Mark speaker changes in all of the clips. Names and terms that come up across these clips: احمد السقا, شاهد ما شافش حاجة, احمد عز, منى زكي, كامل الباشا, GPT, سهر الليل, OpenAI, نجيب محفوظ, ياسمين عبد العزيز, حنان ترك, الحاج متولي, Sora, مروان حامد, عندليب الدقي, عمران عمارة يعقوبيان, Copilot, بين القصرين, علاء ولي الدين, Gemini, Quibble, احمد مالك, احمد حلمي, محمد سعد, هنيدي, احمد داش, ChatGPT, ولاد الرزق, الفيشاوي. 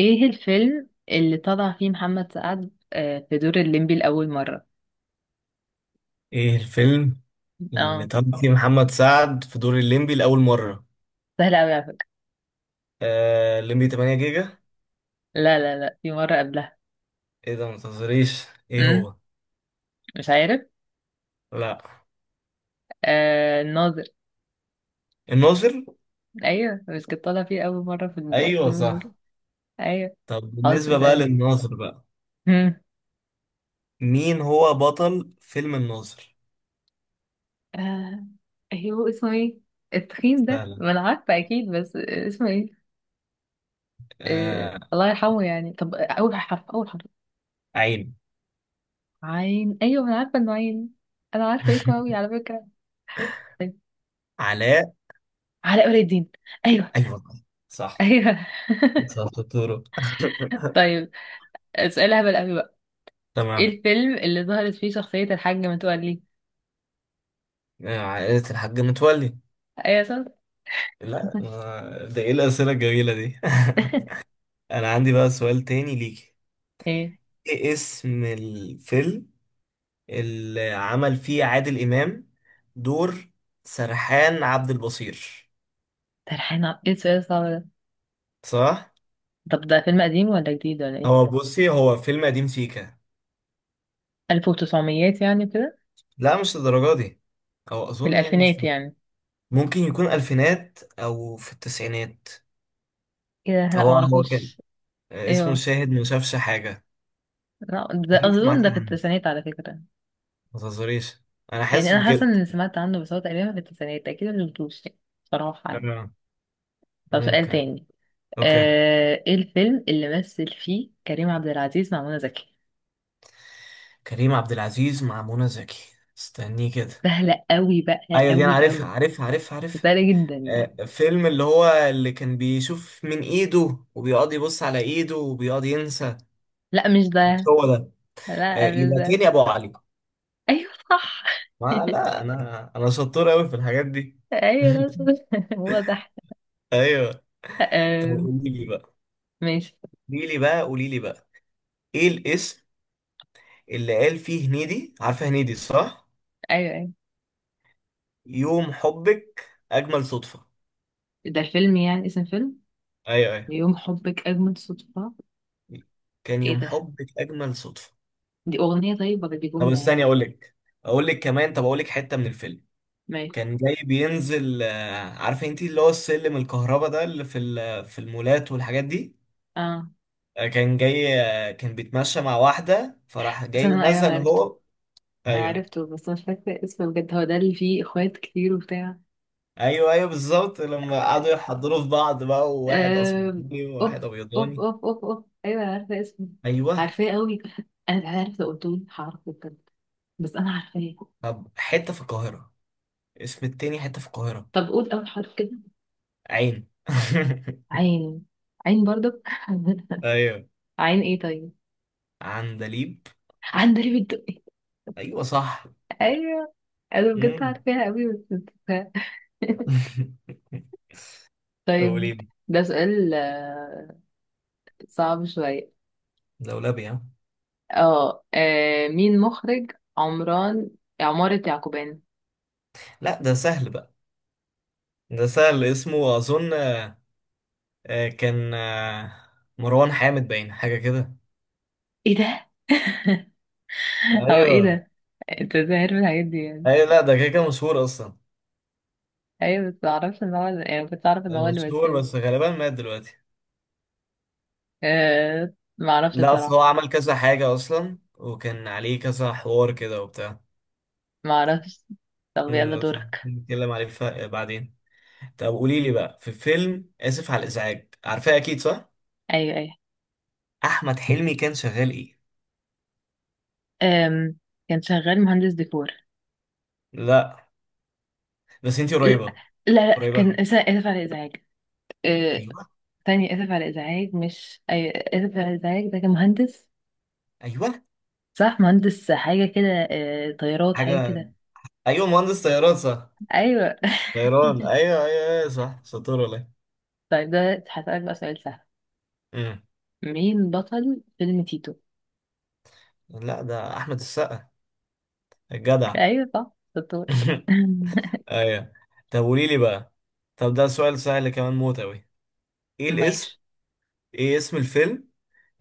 Speaker 1: ايه الفيلم اللي طلع فيه محمد سعد في دور الليمبي لأول مرة.
Speaker 2: ايه الفيلم اللي
Speaker 1: اه.
Speaker 2: طب فيه محمد سعد في دور الليمبي لأول مرة؟
Speaker 1: سهل أوي على فكرة.
Speaker 2: الليمبي 8 جيجا.
Speaker 1: لا لا لا، في مرة قبلها.
Speaker 2: ايه ده؟ ما تهزريش. ايه
Speaker 1: امم
Speaker 2: هو؟
Speaker 1: مش عارف.
Speaker 2: لا،
Speaker 1: آه، الناظر.
Speaker 2: الناظر.
Speaker 1: ايوه، بس كنت طالع فيه أول مرة في
Speaker 2: ايوه،
Speaker 1: فيلم الناظر.
Speaker 2: صح.
Speaker 1: ايوه.
Speaker 2: طب
Speaker 1: خلاص
Speaker 2: بالنسبة بقى
Speaker 1: اسألني.
Speaker 2: للناظر بقى،
Speaker 1: امم
Speaker 2: مين هو بطل فيلم الناظر؟
Speaker 1: آه، هو اسمه ايه؟ التخين ده،
Speaker 2: سهلة.
Speaker 1: ما انا عارفة اكيد، بس اسمه ايه؟ آه
Speaker 2: آه
Speaker 1: الله يرحمه يعني. طب اول حرف اول حرف.
Speaker 2: عين.
Speaker 1: عين، ايوه، ما انا عارفة انه عين. انا عارفة اسمه أوي على فكرة. طيب.
Speaker 2: علاء.
Speaker 1: علاء ولي الدين. أيوه.
Speaker 2: ايوه، صح.
Speaker 1: ايوه.
Speaker 2: صح، شطورة.
Speaker 1: طيب. سؤال هبل قوي بقى. ايه
Speaker 2: تمام.
Speaker 1: الفيلم اللي ظهرت فيه شخصية الحاج متولي؟
Speaker 2: عائلة الحاج متولي.
Speaker 1: ايوه صح.
Speaker 2: لا، ده ايه الأسئلة الجميلة دي؟ انا عندي بقى سؤال تاني ليكي.
Speaker 1: ايه
Speaker 2: ايه اسم الفيلم اللي عمل فيه عادل إمام دور سرحان عبد البصير؟
Speaker 1: ترحينا، ايه السؤال الصعب ده؟
Speaker 2: صح؟
Speaker 1: طب ده فيلم قديم ولا جديد ولا ايه؟
Speaker 2: هو بصي، هو فيلم قديم سيكا.
Speaker 1: 1900 يعني كده؟
Speaker 2: لا، مش للدرجة دي، أو
Speaker 1: في
Speaker 2: أظن يعني مش
Speaker 1: الالفينات
Speaker 2: فاكر.
Speaker 1: يعني.
Speaker 2: ممكن يكون ألفينات أو في التسعينات.
Speaker 1: ايه ده، لا
Speaker 2: هو كان،
Speaker 1: معرفوش. ايه
Speaker 2: اسمه
Speaker 1: هو؟
Speaker 2: شاهد ما شافش حاجة.
Speaker 1: لا ده
Speaker 2: أكيد
Speaker 1: اظن
Speaker 2: سمعتي
Speaker 1: ده في
Speaker 2: عنه،
Speaker 1: التسعينات على فكرة.
Speaker 2: ما تهزريش، أنا
Speaker 1: يعني
Speaker 2: حاسس
Speaker 1: انا
Speaker 2: بكده.
Speaker 1: حاسة اني سمعت عنه، بس هو تقريبا في التسعينات، اكيد ما شفتوش يعني، صراحة يعني.
Speaker 2: آه.
Speaker 1: طب سؤال
Speaker 2: ممكن.
Speaker 1: تاني.
Speaker 2: أوكي.
Speaker 1: ايه الفيلم اللي مثل فيه كريم عبد العزيز مع منى زكي؟
Speaker 2: كريم عبد العزيز مع منى زكي، استنيه كده.
Speaker 1: سهلة قوي بقى،
Speaker 2: ايوه، دي انا
Speaker 1: قوي
Speaker 2: عارفها
Speaker 1: قوي.
Speaker 2: عارفها عارفها عارفها.
Speaker 1: سهلة جدا يعني.
Speaker 2: فيلم اللي هو اللي كان بيشوف من ايده وبيقعد يبص على ايده وبيقعد ينسى.
Speaker 1: لا مش
Speaker 2: مش
Speaker 1: ده.
Speaker 2: هو ده؟
Speaker 1: لا مش
Speaker 2: يبقى
Speaker 1: ده.
Speaker 2: تاني ابو علي.
Speaker 1: ايوه صح.
Speaker 2: ما لا، انا شطور قوي في الحاجات دي.
Speaker 1: ايوه ده صح. هو ده.
Speaker 2: ايوه. طب
Speaker 1: أم،
Speaker 2: قولي لي بقى،
Speaker 1: ماشي.
Speaker 2: قولي لي بقى، قولي لي بقى، ايه الاسم؟ اللي قال فيه هنيدي، عارفه هنيدي صح؟
Speaker 1: ايوه ايوه.
Speaker 2: يوم حبك اجمل صدفه.
Speaker 1: ده فيلم، يعني اسم فيلم؟
Speaker 2: ايوه، ايوه.
Speaker 1: يوم حبك اجمل صدفة.
Speaker 2: كان
Speaker 1: ايه
Speaker 2: يوم
Speaker 1: ده؟
Speaker 2: حبك اجمل صدفه.
Speaker 1: دي اغنية طيب، ولا دي
Speaker 2: طب
Speaker 1: جملة
Speaker 2: استني
Speaker 1: يعني؟
Speaker 2: اقول لك، اقول لك كمان، طب اقول لك حته من الفيلم.
Speaker 1: ماشي.
Speaker 2: كان جاي بينزل، عارفه انت اللي هو السلم الكهرباء ده اللي في المولات والحاجات دي.
Speaker 1: اه.
Speaker 2: كان جاي، كان بيتمشى مع واحده فراح جاي
Speaker 1: استنى، ايوه، انا
Speaker 2: نزل
Speaker 1: عرفته.
Speaker 2: هو.
Speaker 1: أنا
Speaker 2: ايوه،
Speaker 1: عرفته بس مش فاكرة اسمه بجد. هو ده اللي فيه اخوات كتير وبتاع؟
Speaker 2: ايوه، ايوه، بالظبط لما قعدوا يحضروا في بعض بقى، وواحد
Speaker 1: آم،
Speaker 2: اسمراني
Speaker 1: اوف،
Speaker 2: وواحد
Speaker 1: اوف
Speaker 2: ابيضاني.
Speaker 1: اوف اوف اوف، ايوه انا عارفه اسمه.
Speaker 2: ايوه.
Speaker 1: عارفاه قوي. انا مش عارفه، لو قلت لي هعرفه بجد، بس انا عارفاه.
Speaker 2: طب حته في القاهره، اسم التاني حته في القاهره.
Speaker 1: طب قول اول حرف كده.
Speaker 2: عين.
Speaker 1: عين. عين برضك.
Speaker 2: ايوه.
Speaker 1: عين ايه طيب؟
Speaker 2: عندليب.
Speaker 1: عندليب الدقي.
Speaker 2: ايوه، صح.
Speaker 1: ايوه. انا بجد
Speaker 2: مم.
Speaker 1: عارفاها قوي بس نسيتها. طيب.
Speaker 2: دوليب.
Speaker 1: ده سؤال صعب شوية.
Speaker 2: دولابي، ها؟
Speaker 1: اه مين مخرج عمران عمارة يعقوبيان؟
Speaker 2: لا، ده سهل بقى، ده سهل اسمه اظن، كان مروان حامد باين حاجه كده.
Speaker 1: ايه ده؟ هو ايه
Speaker 2: ايوه،
Speaker 1: ده؟ انت ازاي عارف الحاجات دي يعني؟
Speaker 2: ايوه. لا، ده كده كده مشهور اصلا.
Speaker 1: ايوه بس معرفش ان هو يعني، كنت اعرف ان هو اللي
Speaker 2: مشهور،
Speaker 1: بيسيب.
Speaker 2: بس غالبا مات دلوقتي.
Speaker 1: أه معرفش
Speaker 2: لا، اصل هو
Speaker 1: بصراحة.
Speaker 2: عمل كذا حاجه اصلا وكان عليه كذا حوار كده وبتاع.
Speaker 1: معرفش. طب يلا
Speaker 2: بس
Speaker 1: دورك.
Speaker 2: نتكلم عليه بعدين. طب قولي لي بقى، في فيلم اسف على الازعاج، عارفاه اكيد صح؟
Speaker 1: ايوه ايوه.
Speaker 2: احمد حلمي كان شغال ايه؟
Speaker 1: أم. كان شغال مهندس ديكور.
Speaker 2: لا، بس انتي
Speaker 1: لا.
Speaker 2: قريبه،
Speaker 1: لا، لا.
Speaker 2: قريبه
Speaker 1: كان
Speaker 2: أوي.
Speaker 1: آسف آسف على الازعاج. أه.
Speaker 2: ايوه.
Speaker 1: تاني اسف على الازعاج مش ايوه، اسف على الازعاج ده كان مهندس.
Speaker 2: ايوه،
Speaker 1: صح، مهندس حاجة كده. أه. طيارات حاجة
Speaker 2: حاجه،
Speaker 1: كده.
Speaker 2: ايوه، مهندس طيارات، صح.
Speaker 1: ايوه.
Speaker 2: غيران، ايوه، ايوه، ايوه، صح، ساتور ولا إيه؟
Speaker 1: طيب ده هسألك بقى سؤال سهل.
Speaker 2: امم
Speaker 1: مين بطل فيلم تيتو؟
Speaker 2: لا، ده احمد السقا، الجدع.
Speaker 1: ايوه صح دكتور.
Speaker 2: ايوه. طب قولي لي بقى، طب ده سؤال سهل كمان موت اوي. ايه
Speaker 1: ماشي.
Speaker 2: الاسم؟ ايه اسم الفيلم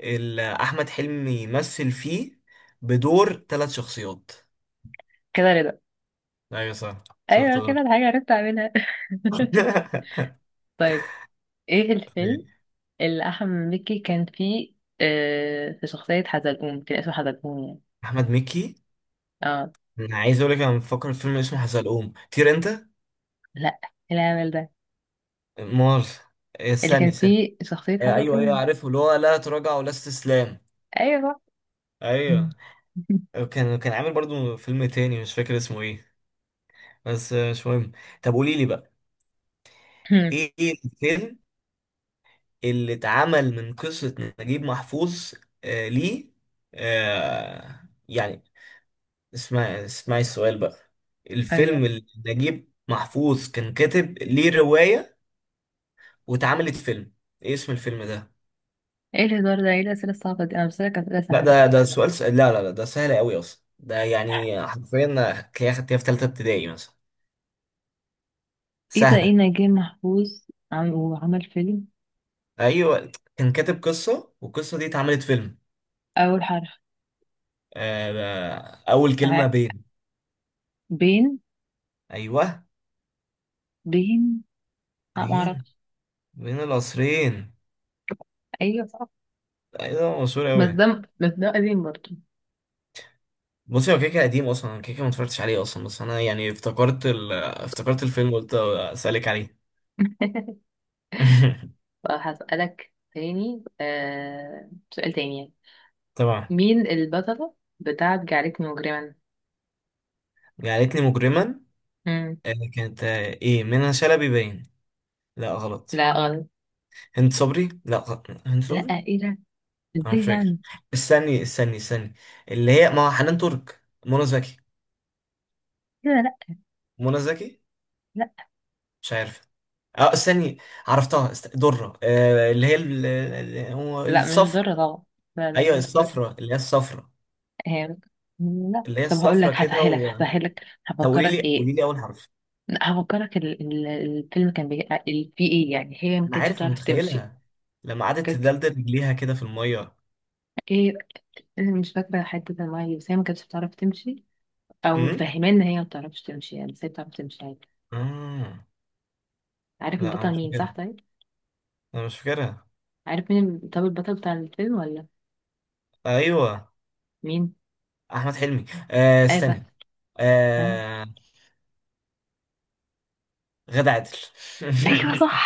Speaker 2: اللي احمد حلمي يمثل فيه بدور ثلاث شخصيات؟
Speaker 1: كده رضا.
Speaker 2: ايوه، صح،
Speaker 1: ايوه
Speaker 2: ساتور.
Speaker 1: كده الحاجة عرفت اعملها. طيب. ايه الفيلم اللي احمد مكي كان فيه في شخصية حزلقوم، كان اسمه حزلقوم يعني؟
Speaker 2: احمد مكي.
Speaker 1: اه.
Speaker 2: انا عايز اقول لك، انا بفكر في فيلم اسمه حزلقوم طير انت.
Speaker 1: لا. إيه العمل ده
Speaker 2: مار،
Speaker 1: اللي كان
Speaker 2: ثاني ثاني.
Speaker 1: فيه شخصية
Speaker 2: ايوه، ايوه،
Speaker 1: حزلقوم؟
Speaker 2: عارفه اللي هو لا تراجع ولا استسلام.
Speaker 1: ايوه صح.
Speaker 2: ايوه. كان عامل برضو فيلم تاني، مش فاكر اسمه ايه. بس مش مهم. طب قولي لي بقى، إيه الفيلم اللي اتعمل من قصة نجيب محفوظ. ليه، آه يعني، اسمعي اسمعي السؤال بقى،
Speaker 1: ايوه.
Speaker 2: الفيلم اللي نجيب محفوظ كان كاتب ليه رواية واتعملت فيلم، ايه اسم الفيلم ده؟
Speaker 1: ايه الهزار ده، ايه الاسئلة الصعبة دي؟ انا بسألك اسئلة
Speaker 2: لا،
Speaker 1: سهلة.
Speaker 2: ده سؤال لا، لا، لا، ده سهل قوي اصلا، ده يعني حرفيا هتلاقيها خدتيها في تالتة ابتدائي مثلا،
Speaker 1: ايه ده، ايه
Speaker 2: سهلة.
Speaker 1: نجيب محفوظ؟ وعمل فيلم.
Speaker 2: ايوه، كان كاتب قصه والقصه دي اتعملت فيلم.
Speaker 1: اول حرف.
Speaker 2: آه، اول كلمه
Speaker 1: ع-
Speaker 2: بين.
Speaker 1: بين.
Speaker 2: ايوه،
Speaker 1: بين. لا
Speaker 2: بين،
Speaker 1: معرفش.
Speaker 2: بين القصرين.
Speaker 1: ايوه صح.
Speaker 2: ايوه، ده مشهور
Speaker 1: بس
Speaker 2: قوي.
Speaker 1: ده قديم برضه.
Speaker 2: بصي، هو كيكه قديم اصلا، أنا كيكه ما اتفرجتش عليه اصلا، بس انا يعني افتكرت افتكرت الفيلم، قلت اسالك عليه.
Speaker 1: فهسألك تاني، سؤال تاني يعني.
Speaker 2: طبعا.
Speaker 1: مين البطلة بتاعت جعلتني مجرما؟
Speaker 2: جعلتني مجرما،
Speaker 1: مم.
Speaker 2: كانت ايه، منى شلبي باين. لا، غلط.
Speaker 1: لا غلط.
Speaker 2: هند صبري. لا، غلط. هند
Speaker 1: لا.
Speaker 2: صبري.
Speaker 1: ايه ده؟
Speaker 2: انا مش
Speaker 1: ازاي
Speaker 2: فاكر،
Speaker 1: يعني؟
Speaker 2: استني استني استني. اللي هي ما هو، حنان ترك، منى زكي.
Speaker 1: كده لا.
Speaker 2: منى زكي.
Speaker 1: لا
Speaker 2: مش عارف. اه استني. عرفتها، درة، اللي هي
Speaker 1: لا مش
Speaker 2: الصفرا.
Speaker 1: ضر طبعا. لا لا
Speaker 2: ايوه
Speaker 1: مش ضر.
Speaker 2: الصفرا، اللي هي الصفرا.
Speaker 1: هي. لا،
Speaker 2: اللي هي
Speaker 1: طب هقول لك،
Speaker 2: الصفرا كده
Speaker 1: هسهلك هسهلك،
Speaker 2: طب قولي
Speaker 1: هفكرك
Speaker 2: لي، قولي
Speaker 1: ايه.
Speaker 2: لي اول حرف.
Speaker 1: لا، هفكرك الفيلم كان فيه ايه يعني، هي ما
Speaker 2: انا
Speaker 1: كانتش
Speaker 2: عارف، انا
Speaker 1: بتعرف تمشي.
Speaker 2: متخيلها لما
Speaker 1: ما
Speaker 2: قعدت
Speaker 1: كانتش.
Speaker 2: تدلدل رجليها كده في الميه.
Speaker 1: ايه. انا مش فاكره حته الميه، بس هي ما كانتش بتعرف تمشي. او
Speaker 2: امم
Speaker 1: مفهمه ان هي ما بتعرفش تمشي يعني، بس هي بتعرف تمشي.
Speaker 2: آه.
Speaker 1: عارف
Speaker 2: لا، انا
Speaker 1: البطل
Speaker 2: مش
Speaker 1: مين صح
Speaker 2: فاكرها،
Speaker 1: طيب؟
Speaker 2: انا مش فاكرها.
Speaker 1: عارف مين طب البطل بتاع الفيلم ولا؟
Speaker 2: ايوه،
Speaker 1: مين؟
Speaker 2: احمد حلمي.
Speaker 1: آسف.
Speaker 2: استني.
Speaker 1: ها.
Speaker 2: آه. غادة عادل.
Speaker 1: ايوه صح.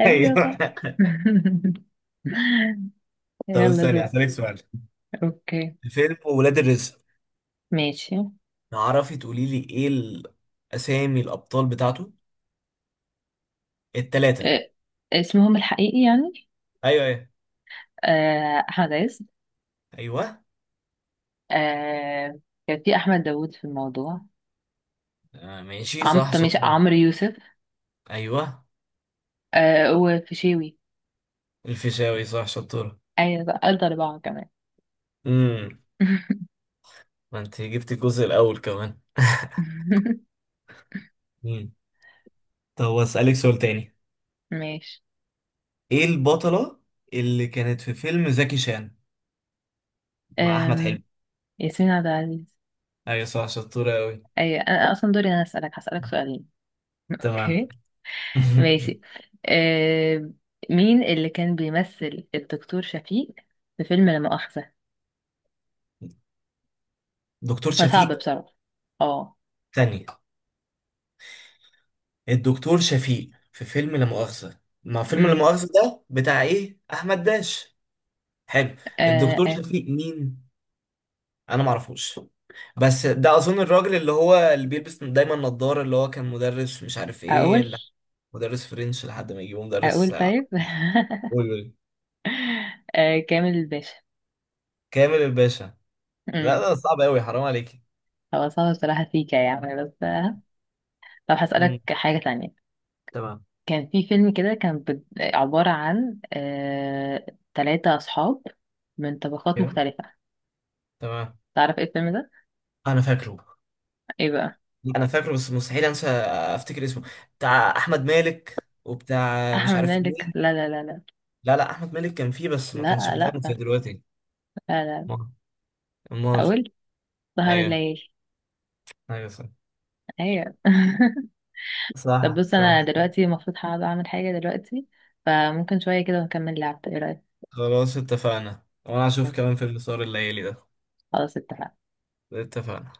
Speaker 1: ايوه
Speaker 2: ايوه.
Speaker 1: صح.
Speaker 2: طب
Speaker 1: يلا
Speaker 2: استني
Speaker 1: دور.
Speaker 2: هسألك سؤال،
Speaker 1: اوكي.
Speaker 2: فيلم ولاد الرزق،
Speaker 1: ماشي.
Speaker 2: تعرفي تقولي لي ايه الاسامي الابطال بتاعته التلاتة؟
Speaker 1: أه، اسمهم الحقيقي يعني.
Speaker 2: ايوه، ايوه.
Speaker 1: أه، احمد عز.
Speaker 2: ايوه.
Speaker 1: أه. كان في احمد داوود في الموضوع.
Speaker 2: آه، ماشي، صح،
Speaker 1: طب ماشي
Speaker 2: شطورة.
Speaker 1: عمرو يوسف.
Speaker 2: ايوه،
Speaker 1: أه، وفيشاوي.
Speaker 2: الفيشاوي، صح، شطورة.
Speaker 1: ايوه بقى، قلت اربعه كمان.
Speaker 2: امم ما انت جبت الجزء الاول كمان. مم. طب اسالك سؤال تاني،
Speaker 1: ماشي.
Speaker 2: ايه البطلة اللي كانت في فيلم زكي شان مع احمد
Speaker 1: أم،
Speaker 2: حلمي؟
Speaker 1: ياسمين عبد العزيز.
Speaker 2: ايوه، صح، شطورة قوي.
Speaker 1: ايوه انا اصلا دوري، انا هسالك سؤالين.
Speaker 2: تمام.
Speaker 1: اوكي. ماشي. آه مين اللي كان بيمثل الدكتور شفيق في فيلم لا مؤاخذة؟
Speaker 2: دكتور
Speaker 1: ده صعب
Speaker 2: شفيق؟
Speaker 1: بصراحة. اه.
Speaker 2: ثانية. الدكتور شفيق في فيلم لا مؤاخذة، ما فيلم لا
Speaker 1: امم
Speaker 2: مؤاخذة ده بتاع ايه، احمد داش؟ حلو.
Speaker 1: آه
Speaker 2: الدكتور
Speaker 1: آه،
Speaker 2: شفيق مين؟ انا ما اعرفوش، بس ده اظن الراجل اللي هو اللي بيلبس دايما نظارة، اللي هو كان مدرس، مش عارف ايه
Speaker 1: اقول
Speaker 2: مدرس فرنش لحد ما يجيبه مدرس
Speaker 1: اقول طيب.
Speaker 2: عربي. قول، قول.
Speaker 1: آه، كامل الباشا.
Speaker 2: كامل الباشا؟ لا،
Speaker 1: امم
Speaker 2: ده صعب قوي، حرام عليك.
Speaker 1: هو صعب بصراحة فيك يعني، بس طب
Speaker 2: مم.
Speaker 1: هسألك حاجة تانية.
Speaker 2: تمام.
Speaker 1: كان في فيلم كده، كان عبارة عن تلاتة أصحاب من طبقات
Speaker 2: كده،
Speaker 1: مختلفة.
Speaker 2: تمام.
Speaker 1: تعرف ايه الفيلم ده؟
Speaker 2: انا فاكره،
Speaker 1: ايه بقى؟
Speaker 2: انا فاكره بس مستحيل انسى افتكر اسمه. بتاع احمد مالك وبتاع مش
Speaker 1: أحمد
Speaker 2: عارف
Speaker 1: مالك
Speaker 2: مين.
Speaker 1: لا لا لا لا.
Speaker 2: لا، لا، احمد مالك كان فيه بس ما كانش
Speaker 1: لا لا
Speaker 2: بدقنه زي
Speaker 1: لا
Speaker 2: دلوقتي.
Speaker 1: لا.
Speaker 2: امال؟ امال؟
Speaker 1: حاولت. سهر
Speaker 2: ايوه،
Speaker 1: الليل.
Speaker 2: ايوه. صح،
Speaker 1: ايوه. طب
Speaker 2: صح،
Speaker 1: بص،
Speaker 2: صح.
Speaker 1: انا دلوقتي المفروض هقعد اعمل حاجة دلوقتي، فممكن شوية كده ونكمل لعب، ايه رأيك؟
Speaker 2: خلاص، اتفقنا، وانا هشوف كمان فيلم سهر الليالي ده.
Speaker 1: خلاص اتفقنا.
Speaker 2: اتفقنا.